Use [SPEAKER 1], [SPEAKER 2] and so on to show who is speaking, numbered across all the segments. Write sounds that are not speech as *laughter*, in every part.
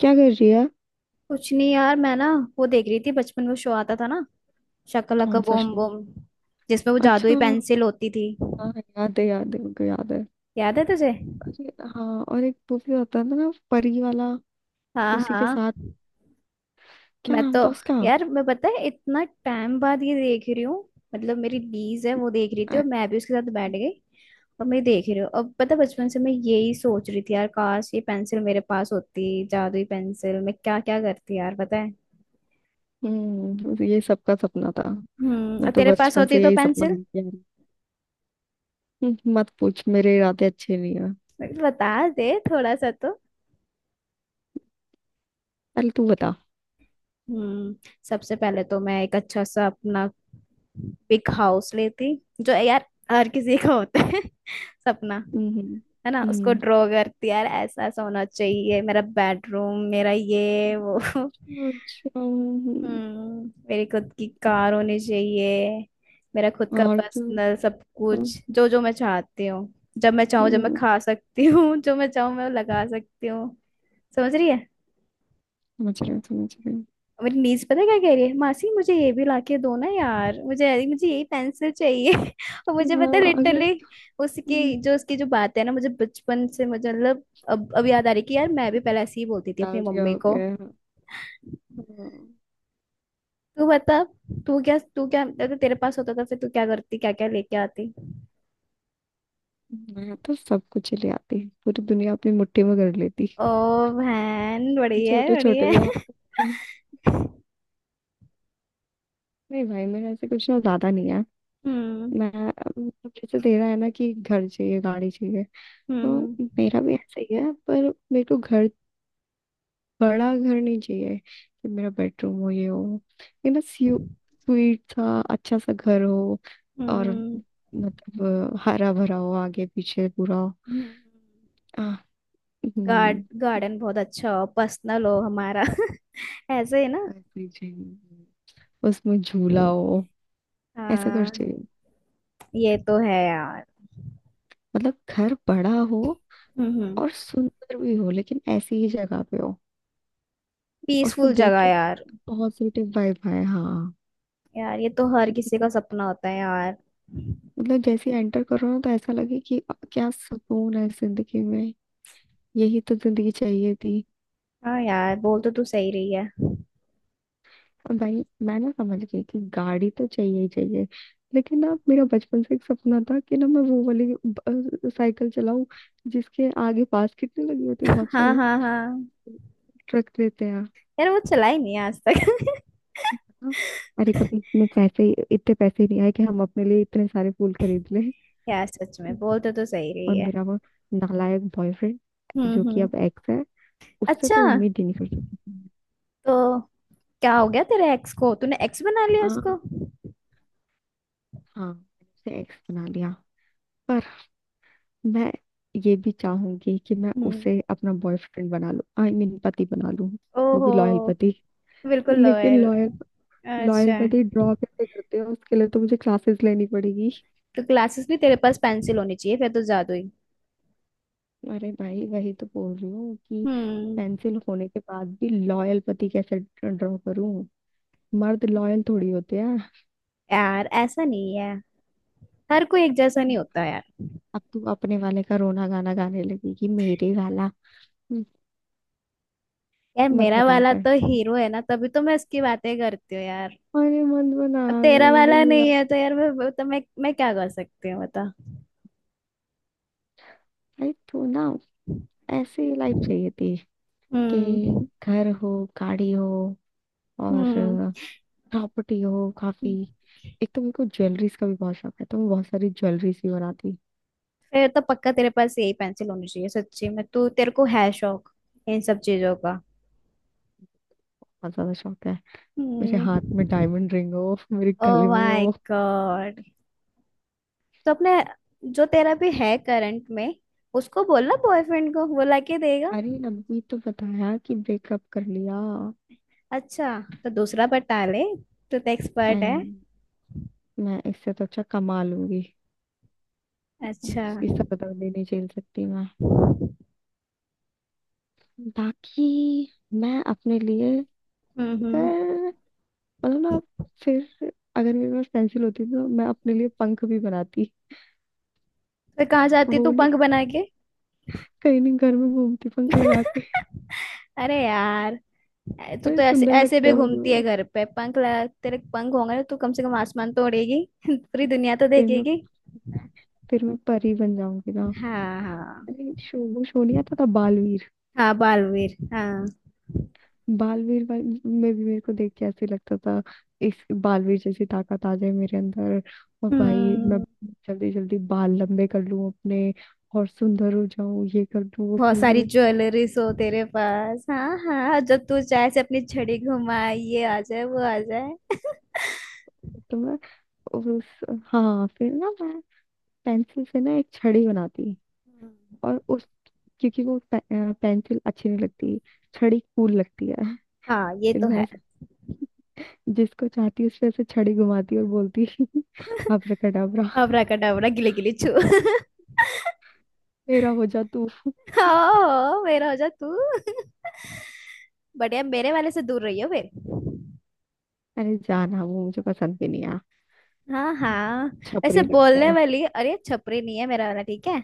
[SPEAKER 1] क्या कर रही है?
[SPEAKER 2] कुछ नहीं यार। मैं ना वो देख रही थी, बचपन में शो आता था ना, शकलका
[SPEAKER 1] कौन सा
[SPEAKER 2] बूम
[SPEAKER 1] शो?
[SPEAKER 2] बूम, जिसमें वो जादुई
[SPEAKER 1] अच्छा।
[SPEAKER 2] पेंसिल होती थी।
[SPEAKER 1] हाँ। याद है उनको याद है।
[SPEAKER 2] याद है तुझे?
[SPEAKER 1] अरे हाँ, और एक वो भी होता था ना, परी वाला।
[SPEAKER 2] हाँ
[SPEAKER 1] उसी के
[SPEAKER 2] हाँ।
[SPEAKER 1] साथ। क्या
[SPEAKER 2] मैं तो
[SPEAKER 1] नाम था उसका?
[SPEAKER 2] यार मैं पता है इतना टाइम बाद ये देख रही हूँ। मतलब मेरी दीज है, वो देख रही थी
[SPEAKER 1] अ-
[SPEAKER 2] और मैं भी उसके साथ बैठ गई। और मैं देख रही हूँ, अब पता है, बचपन से मैं यही सोच रही थी यार, काश ये पेंसिल मेरे पास होती, जादुई पेंसिल, मैं क्या क्या करती यार, पता है।
[SPEAKER 1] ये सबका सपना था।
[SPEAKER 2] हम्म। और
[SPEAKER 1] मैं तो
[SPEAKER 2] तेरे पास
[SPEAKER 1] बचपन
[SPEAKER 2] होती
[SPEAKER 1] से
[SPEAKER 2] तो
[SPEAKER 1] यही सपना
[SPEAKER 2] पेंसिल
[SPEAKER 1] देखती आ रही हूँ। मत पूछ, मेरे इरादे अच्छे नहीं है।
[SPEAKER 2] बता दे थोड़ा सा तो।
[SPEAKER 1] पहले तू बता।
[SPEAKER 2] हम्म। सबसे पहले तो मैं एक अच्छा सा अपना बिग हाउस लेती, जो यार हर किसी का होता है *laughs* सपना।
[SPEAKER 1] हम्म।
[SPEAKER 2] है ना, उसको
[SPEAKER 1] हम्म।
[SPEAKER 2] ड्रॉ करती यार, ऐसा ऐसा होना चाहिए मेरा बेडरूम, मेरा ये वो *laughs*
[SPEAKER 1] अच्छा।
[SPEAKER 2] हम्म। मेरी खुद की कार होनी चाहिए, मेरा खुद का
[SPEAKER 1] और तू?
[SPEAKER 2] पर्सनल सब
[SPEAKER 1] हम्म,
[SPEAKER 2] कुछ, जो जो मैं चाहती हूँ, जब मैं चाहूँ, जब मैं खा सकती हूँ *laughs* जो मैं चाहूँ मैं लगा सकती हूँ। समझ रही है?
[SPEAKER 1] समझ रहे, समझ रहे।
[SPEAKER 2] मेरी नीज पता है क्या कह रही है? मासी मुझे ये भी लाके दो ना यार, मुझे मुझे यही पेंसिल चाहिए *laughs* और मुझे पता है,
[SPEAKER 1] हाँ, अगर
[SPEAKER 2] लिटरली उसके
[SPEAKER 1] हम्म,
[SPEAKER 2] जो उसकी जो बात है ना, मुझे बचपन से मुझे मतलब, अब याद आ रही कि यार मैं भी पहले ऐसे ही बोलती थी अपनी
[SPEAKER 1] डाल दिया,
[SPEAKER 2] मम्मी
[SPEAKER 1] हो
[SPEAKER 2] को।
[SPEAKER 1] गया है। हाँ।
[SPEAKER 2] तू बता, तू क्या अगर तेरे पास होता था, फिर तू क्या करती, क्या क्या लेके आती?
[SPEAKER 1] मैं तो सब कुछ ले आती, पूरी दुनिया अपनी मुट्ठी में कर लेती।
[SPEAKER 2] ओ बहन,
[SPEAKER 1] छोटे छोटे
[SPEAKER 2] बढ़िया
[SPEAKER 1] से
[SPEAKER 2] है
[SPEAKER 1] हाथ।
[SPEAKER 2] *laughs*
[SPEAKER 1] नहीं भाई, मेरा ऐसे कुछ ना, ज्यादा नहीं है।
[SPEAKER 2] हम्म
[SPEAKER 1] मैं मतलब, जैसे दे रहा है ना कि घर चाहिए, गाड़ी चाहिए। तो
[SPEAKER 2] हम्म
[SPEAKER 1] मेरा भी ऐसा ही है, पर मेरे को घर, बड़ा घर नहीं चाहिए, कि मेरा बेडरूम हो, ये हो, ये ना, स्वीट सा अच्छा सा घर हो। और मतलब हरा भरा हो आगे पीछे पूरा।
[SPEAKER 2] हम्म।
[SPEAKER 1] आह,
[SPEAKER 2] गार्ड
[SPEAKER 1] हम्म।
[SPEAKER 2] गार्डन बहुत अच्छा हो, पर्सनल हो हमारा *laughs* ऐसे ही ना?
[SPEAKER 1] ऐसे ही चाहिए। उसमें झूला हो। ऐसा कर
[SPEAKER 2] हाँ
[SPEAKER 1] चाहिए।
[SPEAKER 2] ये तो है यार।
[SPEAKER 1] मतलब घर बड़ा हो
[SPEAKER 2] हम्म।
[SPEAKER 1] और सुंदर भी हो, लेकिन ऐसी ही जगह पे हो। उसको
[SPEAKER 2] पीसफुल
[SPEAKER 1] देख
[SPEAKER 2] जगह
[SPEAKER 1] के ना
[SPEAKER 2] यार,
[SPEAKER 1] पॉजिटिव वाइब आए, हाँ।
[SPEAKER 2] यार ये तो हर किसी का सपना होता है यार।
[SPEAKER 1] मतलब जैसे एंटर करो ना तो ऐसा लगे कि क्या सुकून है जिंदगी में, यही तो जिंदगी चाहिए थी।
[SPEAKER 2] हाँ यार, बोल तो तू सही रही है
[SPEAKER 1] और भाई मैं ना समझ गई कि गाड़ी तो चाहिए ही चाहिए। लेकिन ना मेरा बचपन से एक सपना था कि ना मैं वो वाली साइकिल चलाऊं, जिसके आगे बास्केट नहीं लगी होती,
[SPEAKER 2] *laughs*
[SPEAKER 1] बहुत
[SPEAKER 2] हाँ
[SPEAKER 1] सारे
[SPEAKER 2] हाँ हाँ,
[SPEAKER 1] ट्रक देते हैं।
[SPEAKER 2] यार वो चलाई नहीं है आज तक
[SPEAKER 1] हाँ। अरे कभी इतने पैसे नहीं आए कि हम अपने लिए इतने सारे फूल खरीद लें।
[SPEAKER 2] *laughs* यार सच में बोल तो तू सही
[SPEAKER 1] और
[SPEAKER 2] रही है।
[SPEAKER 1] मेरा वो नालायक बॉयफ्रेंड, जो कि
[SPEAKER 2] हम्म।
[SPEAKER 1] अब एक्स है, उससे
[SPEAKER 2] अच्छा,
[SPEAKER 1] तो उम्मीद ही नहीं कर सकती थी।
[SPEAKER 2] तो क्या हो गया तेरे एक्स को, तूने एक्स बना लिया उसको?
[SPEAKER 1] हाँ। हाँ, मैंने उसे एक्स बना लिया। पर मैं ये भी चाहूंगी कि मैं
[SPEAKER 2] हम्म।
[SPEAKER 1] उसे अपना बॉयफ्रेंड बना लूं, आई मीन पति बना लूं। वो
[SPEAKER 2] ओहो।
[SPEAKER 1] भी लॉयल पति,
[SPEAKER 2] बिल्कुल
[SPEAKER 1] लेकिन
[SPEAKER 2] लोयल।
[SPEAKER 1] लॉयल, लॉयल
[SPEAKER 2] अच्छा,
[SPEAKER 1] पति ड्रॉप ऐसे करते हैं, उसके लिए तो मुझे क्लासेस लेनी पड़ेगी।
[SPEAKER 2] तो क्लासेस भी, तेरे पास पेंसिल होनी चाहिए फिर तो, जादू ही।
[SPEAKER 1] अरे भाई, वही तो बोल रही हूँ कि
[SPEAKER 2] हम्म।
[SPEAKER 1] पेंसिल होने के बाद भी लॉयल पति कैसे ड्रॉ करूं। मर्द लॉयल थोड़ी होते हैं।
[SPEAKER 2] यार ऐसा नहीं है, हर कोई एक जैसा नहीं होता यार।
[SPEAKER 1] अब तू अपने वाले का रोना गाना गाने लगी कि मेरे वाला, हम्म,
[SPEAKER 2] यार
[SPEAKER 1] मत
[SPEAKER 2] मेरा
[SPEAKER 1] बताया
[SPEAKER 2] वाला
[SPEAKER 1] कर।
[SPEAKER 2] तो हीरो है ना, तभी तो मैं उसकी बातें करती हूँ यार।
[SPEAKER 1] अरे मत बना
[SPEAKER 2] अब
[SPEAKER 1] अगर
[SPEAKER 2] तेरा
[SPEAKER 1] मुझे
[SPEAKER 2] वाला
[SPEAKER 1] बुरा
[SPEAKER 2] नहीं
[SPEAKER 1] लगा।
[SPEAKER 2] है तो यार, मैं तो मैं क्या कर सकती हूँ, बता।
[SPEAKER 1] भाई तो ना ऐसी लाइफ चाहिए थी,
[SPEAKER 2] हम्म
[SPEAKER 1] कि घर हो, गाड़ी हो, और
[SPEAKER 2] हम्म।
[SPEAKER 1] प्रॉपर्टी हो काफी। एक तो मेरे को ज्वेलरीज का भी बहुत शौक है, तो मैं बहुत सारी ज्वेलरीज भी बनाती।
[SPEAKER 2] फिर तो पक्का तेरे पास यही पेंसिल होनी चाहिए, सच्ची में तू, तेरे को है शौक इन सब चीजों का।
[SPEAKER 1] बहुत ज्यादा शौक है। मेरे हाथ में
[SPEAKER 2] हम्म।
[SPEAKER 1] डायमंड रिंग हो, मेरे
[SPEAKER 2] ओ
[SPEAKER 1] गले में
[SPEAKER 2] माय
[SPEAKER 1] हो।
[SPEAKER 2] गॉड। तो अपने, जो तेरा भी है करंट में, उसको बोलना बॉयफ्रेंड को, वो लाके देगा।
[SPEAKER 1] अरे अभी तो बताया कि ब्रेकअप कर लिया।
[SPEAKER 2] अच्छा। तो दूसरा बता ले, तू तो एक्सपर्ट है।
[SPEAKER 1] एंड मैं इससे तो अच्छा कमा लूंगी।
[SPEAKER 2] अच्छा।
[SPEAKER 1] उसकी सर दर्द ही नहीं झेल सकती मैं। बाकी, मैं अपने लिए,
[SPEAKER 2] हम्म।
[SPEAKER 1] अगर, मतलब ना, फिर अगर मेरे पास पेंसिल होती तो मैं अपने लिए पंख भी बनाती।
[SPEAKER 2] फिर कहाँ जाती
[SPEAKER 1] वो
[SPEAKER 2] तू
[SPEAKER 1] नहीं,
[SPEAKER 2] पंख बना के?
[SPEAKER 1] कहीं नहीं, घर में घूमती पंख लगा के।
[SPEAKER 2] *laughs* अरे यार, तू
[SPEAKER 1] अरे
[SPEAKER 2] तो ऐसे
[SPEAKER 1] सुंदर
[SPEAKER 2] ऐसे
[SPEAKER 1] लगते
[SPEAKER 2] भी
[SPEAKER 1] हैं मुझे
[SPEAKER 2] घूमती है
[SPEAKER 1] वो।
[SPEAKER 2] घर पे, पंख लगा। तेरे पंख होंगे ना, तू कम से कम आसमान तो उड़ेगी *laughs* पूरी दुनिया तो
[SPEAKER 1] फिर मैं
[SPEAKER 2] देखेगी।
[SPEAKER 1] फिर मैं परी बन जाऊंगी ना।
[SPEAKER 2] हाँ हाँ
[SPEAKER 1] अरे शोभू, शोनिया तथा बालवीर।
[SPEAKER 2] हाँ, बालवीर हाँ।
[SPEAKER 1] बालवीर में भी मेरे को देख के ऐसे लगता था, इस बालवीर जैसी ताकत आ जाए मेरे अंदर। और भाई मैं
[SPEAKER 2] हम्म।
[SPEAKER 1] जल्दी जल्दी बाल लंबे कर लूं अपने, और सुंदर हो जाऊं, ये कर लूं वो
[SPEAKER 2] बहुत
[SPEAKER 1] कर
[SPEAKER 2] सारी
[SPEAKER 1] लूं।
[SPEAKER 2] ज्वेलरीज हो तेरे पास, हाँ हाँ, जब तू चाहे से अपनी छड़ी घुमा, ये आ जाए वो आ जाए
[SPEAKER 1] तो मैं और उस, हाँ फिर ना मैं पेंसिल से ना एक छड़ी बनाती। और
[SPEAKER 2] *laughs*
[SPEAKER 1] उस, क्योंकि वो पेंसिल अच्छी नहीं लगती, छड़ी कूल लगती है।
[SPEAKER 2] हाँ ये
[SPEAKER 1] फिर
[SPEAKER 2] तो
[SPEAKER 1] मैं
[SPEAKER 2] है।
[SPEAKER 1] जिसको चाहती उस पे ऐसे छड़ी घुमाती और बोलती *laughs* अब्राकडाब्रा,
[SPEAKER 2] अबराकडाबरा गिले गिले छू *laughs*
[SPEAKER 1] मेरा हो जा तू।
[SPEAKER 2] हाँ मेरा हो जा तू। बढ़िया, मेरे वाले से दूर रही हो फिर।
[SPEAKER 1] अरे जाना, वो मुझे पसंद भी नहीं है।
[SPEAKER 2] हाँ हाँ। ऐसे
[SPEAKER 1] छपरी लगता
[SPEAKER 2] बोलने
[SPEAKER 1] है।
[SPEAKER 2] वाली, अरे छपरी नहीं है मेरा वाला, ठीक है।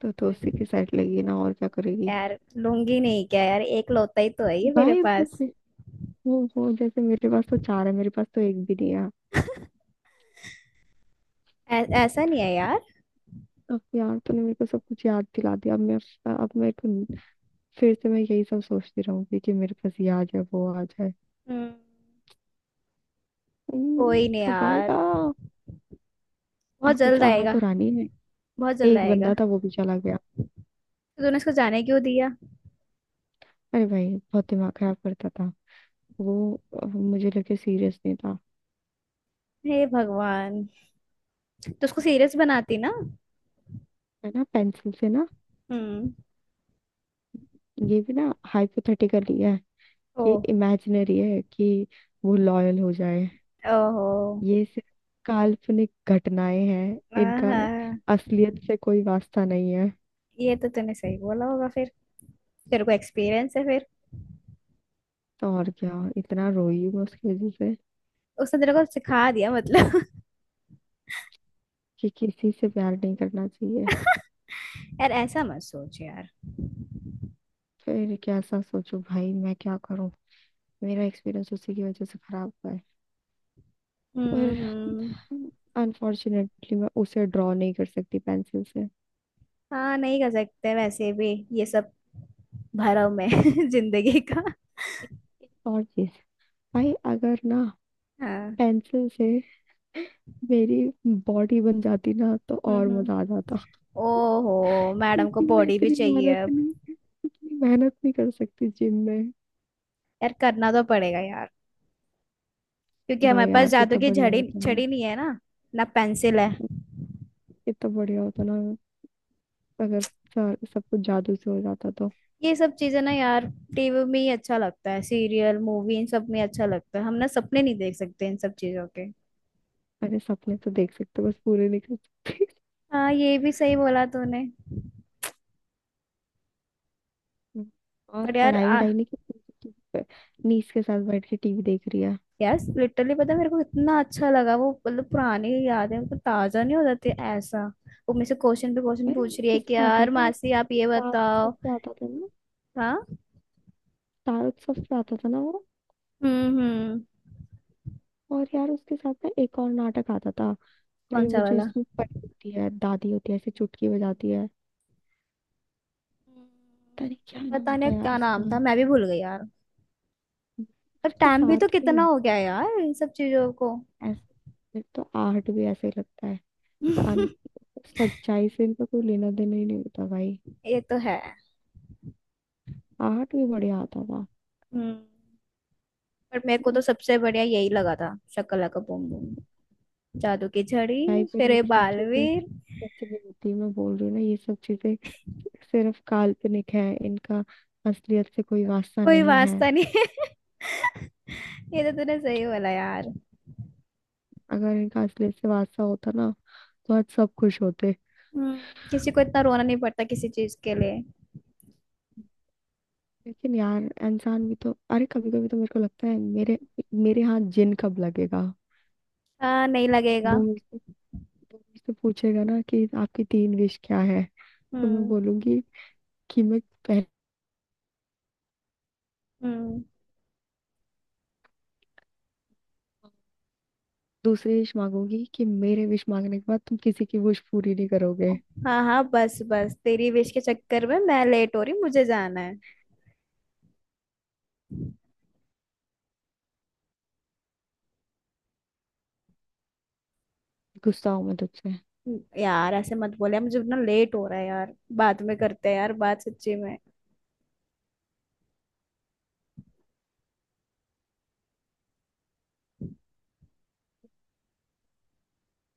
[SPEAKER 1] तो उसी की साइड लगी ना, और क्या करेगी?
[SPEAKER 2] यार लूंगी नहीं क्या यार, एक लौता ही तो है ये मेरे
[SPEAKER 1] भाई बस,
[SPEAKER 2] पास।
[SPEAKER 1] वो जैसे मेरे पास तो चार है, मेरे पास तो एक भी नहीं है।
[SPEAKER 2] ऐसा नहीं है यार।
[SPEAKER 1] अब यार, तूने मेरे को सब कुछ याद दिला दिया। अब मैं तो फिर से मैं यही सब सोचती रहूंगी कि मेरे पास ये आ जाए, वो आ जाए।
[SPEAKER 2] हम्म। कोई नहीं
[SPEAKER 1] कब आएगा?
[SPEAKER 2] यार,
[SPEAKER 1] आ
[SPEAKER 2] बहुत
[SPEAKER 1] कुछ,
[SPEAKER 2] जल्द
[SPEAKER 1] आ तो
[SPEAKER 2] आएगा।
[SPEAKER 1] रानी है।
[SPEAKER 2] बहुत जल्द
[SPEAKER 1] एक बंदा
[SPEAKER 2] आएगा।
[SPEAKER 1] था, वो भी चला गया।
[SPEAKER 2] तो तूने इसको जाने क्यों दिया?
[SPEAKER 1] अरे भाई, बहुत दिमाग खराब करता था वो, मुझे लगे सीरियस नहीं था।
[SPEAKER 2] हे भगवान। तो उसको सीरियस बनाती ना।
[SPEAKER 1] है ना, पेंसिल से ना
[SPEAKER 2] हम्म।
[SPEAKER 1] ये भी ना हाइपोथेटिकली है,
[SPEAKER 2] ओ।
[SPEAKER 1] ये इमेजिनरी है कि वो लॉयल हो जाए।
[SPEAKER 2] ओहो।
[SPEAKER 1] ये सिर्फ काल्पनिक घटनाएं हैं, इनका
[SPEAKER 2] आहा।
[SPEAKER 1] असलियत से कोई वास्ता नहीं है।
[SPEAKER 2] ये तो तूने सही बोला होगा फिर, तेरे को एक्सपीरियंस है फिर।
[SPEAKER 1] तो और क्या, इतना रोई मैं उसकी वजह से
[SPEAKER 2] उसने तेरे को सिखा दिया मतलब
[SPEAKER 1] कि किसी से प्यार नहीं करना चाहिए।
[SPEAKER 2] *laughs* यार ऐसा मत सोच यार।
[SPEAKER 1] फिर कैसा सोचूं भाई, मैं क्या करूं? मेरा एक्सपीरियंस उसी की वजह से खराब हुआ है। पर
[SPEAKER 2] हम्म हम्म।
[SPEAKER 1] अनफॉर्चुनेटली मैं उसे ड्रॉ नहीं कर सकती पेंसिल से।
[SPEAKER 2] हाँ नहीं कर सकते वैसे भी ये सब, भरम है *laughs* जिंदगी का।
[SPEAKER 1] एक और चीज, भाई अगर ना
[SPEAKER 2] हाँ।
[SPEAKER 1] पेंसिल से मेरी बॉडी बन जाती ना, तो
[SPEAKER 2] हम्म
[SPEAKER 1] और मजा आ
[SPEAKER 2] हम्म।
[SPEAKER 1] जाता।
[SPEAKER 2] ओहो, मैडम को
[SPEAKER 1] क्योंकि मैं
[SPEAKER 2] बॉडी भी
[SPEAKER 1] इतनी
[SPEAKER 2] चाहिए
[SPEAKER 1] मेहनत
[SPEAKER 2] अब।
[SPEAKER 1] नहीं इतनी मेहनत नहीं कर सकती जिम में।
[SPEAKER 2] यार करना तो पड़ेगा यार, क्योंकि हमारे
[SPEAKER 1] भाई
[SPEAKER 2] पास
[SPEAKER 1] यार,
[SPEAKER 2] जादू
[SPEAKER 1] कितना
[SPEAKER 2] की
[SPEAKER 1] बढ़िया
[SPEAKER 2] झड़ी
[SPEAKER 1] होता ना
[SPEAKER 2] छड़ी नहीं है ना, ना पेंसिल है।
[SPEAKER 1] कितना बढ़िया होता ना अगर सब कुछ जादू से हो जाता तो।
[SPEAKER 2] ये सब चीजें ना यार, टीवी में ही अच्छा लगता है, सीरियल मूवी इन सब में अच्छा लगता है, हम ना सपने नहीं देख सकते इन सब चीजों के।
[SPEAKER 1] अरे सपने तो देख सकते, बस पूरे नहीं कर सकते।
[SPEAKER 2] हाँ ये भी सही बोला तूने।
[SPEAKER 1] *laughs* और
[SPEAKER 2] पर यार
[SPEAKER 1] पढ़ाई वढ़ाई नहीं कर सकती, नीस के साथ बैठ के टीवी देख रही है।
[SPEAKER 2] यार लिटरली पता है मेरे को इतना अच्छा लगा वो, मतलब पुरानी यादें मतलब ताजा नहीं हो जाती ऐसा। वो मेरे से क्वेश्चन पे क्वेश्चन
[SPEAKER 1] अरे
[SPEAKER 2] पूछ रही है कि
[SPEAKER 1] किससे आता
[SPEAKER 2] यार
[SPEAKER 1] था?
[SPEAKER 2] मासी आप ये
[SPEAKER 1] स्टार उत्सव
[SPEAKER 2] बताओ।
[SPEAKER 1] से आता था ना।
[SPEAKER 2] हाँ।
[SPEAKER 1] स्टार उत्सव से आता था ना वो।
[SPEAKER 2] हम्म।
[SPEAKER 1] और यार उसके साथ ना एक और नाटक आता था। अरे
[SPEAKER 2] कौन
[SPEAKER 1] वो
[SPEAKER 2] सा
[SPEAKER 1] जो
[SPEAKER 2] वाला?
[SPEAKER 1] इसमें परी होती है, दादी होती है, ऐसे चुटकी बजाती है। पता नहीं क्या नाम
[SPEAKER 2] पता
[SPEAKER 1] होता
[SPEAKER 2] नहीं
[SPEAKER 1] है यार
[SPEAKER 2] क्या
[SPEAKER 1] उसका।
[SPEAKER 2] नाम था, मैं भी भूल गई यार। पर
[SPEAKER 1] उसके
[SPEAKER 2] टाइम भी तो
[SPEAKER 1] साथ ही
[SPEAKER 2] कितना हो गया
[SPEAKER 1] आता
[SPEAKER 2] यार इन सब चीजों को
[SPEAKER 1] है ऐसे, फिर तो आहट भी ऐसे ही लगता है। अन,
[SPEAKER 2] *laughs*
[SPEAKER 1] सच्चाई से इनका कोई लेना देना ही नहीं होता भाई।
[SPEAKER 2] ये तो है।
[SPEAKER 1] आहट भी बढ़िया आता था।
[SPEAKER 2] हम्म। पर मेरे को
[SPEAKER 1] हाँ।
[SPEAKER 2] तो सबसे बढ़िया यही लगा था, शक्ला का बूम बूम, जादू की
[SPEAKER 1] भाई
[SPEAKER 2] झड़ी,
[SPEAKER 1] पर
[SPEAKER 2] फिर ये
[SPEAKER 1] ये सब चीजें
[SPEAKER 2] बालवीर।
[SPEAKER 1] सच्ची नहीं होती, मैं बोल रही हूँ ना, ये सब चीजें सिर्फ काल्पनिक है, इनका असलियत से कोई वास्ता
[SPEAKER 2] कोई
[SPEAKER 1] नहीं है।
[SPEAKER 2] वास्ता नहीं है *laughs* ये तो तूने सही बोला यार।
[SPEAKER 1] अगर इनका असलियत से वास्ता होता ना, तो आज सब खुश होते।
[SPEAKER 2] हम्म, किसी को इतना रोना नहीं पड़ता किसी चीज के लिए।
[SPEAKER 1] लेकिन यार इंसान भी तो, अरे कभी कभी तो मेरे को लगता है मेरे मेरे हाथ जिन कब लगेगा।
[SPEAKER 2] हाँ नहीं लगेगा।
[SPEAKER 1] वो मुझसे वो मुझसे पूछेगा ना कि आपकी तीन विश क्या है, तो मैं
[SPEAKER 2] हम्म
[SPEAKER 1] बोलूंगी कि मैं पहले,
[SPEAKER 2] हम्म।
[SPEAKER 1] दूसरी विश मांगूंगी कि मेरे विश मांगने के बाद तुम किसी की विश पूरी नहीं करोगे।
[SPEAKER 2] हाँ हाँ, बस बस तेरी विश के चक्कर में मैं लेट हो रही हूँ, मुझे जाना है।
[SPEAKER 1] गुस्सा हूं मैं तुझसे।
[SPEAKER 2] यार ऐसे मत बोले, मुझे इतना लेट हो रहा है यार, बाद में करते हैं यार बात, सच्ची में।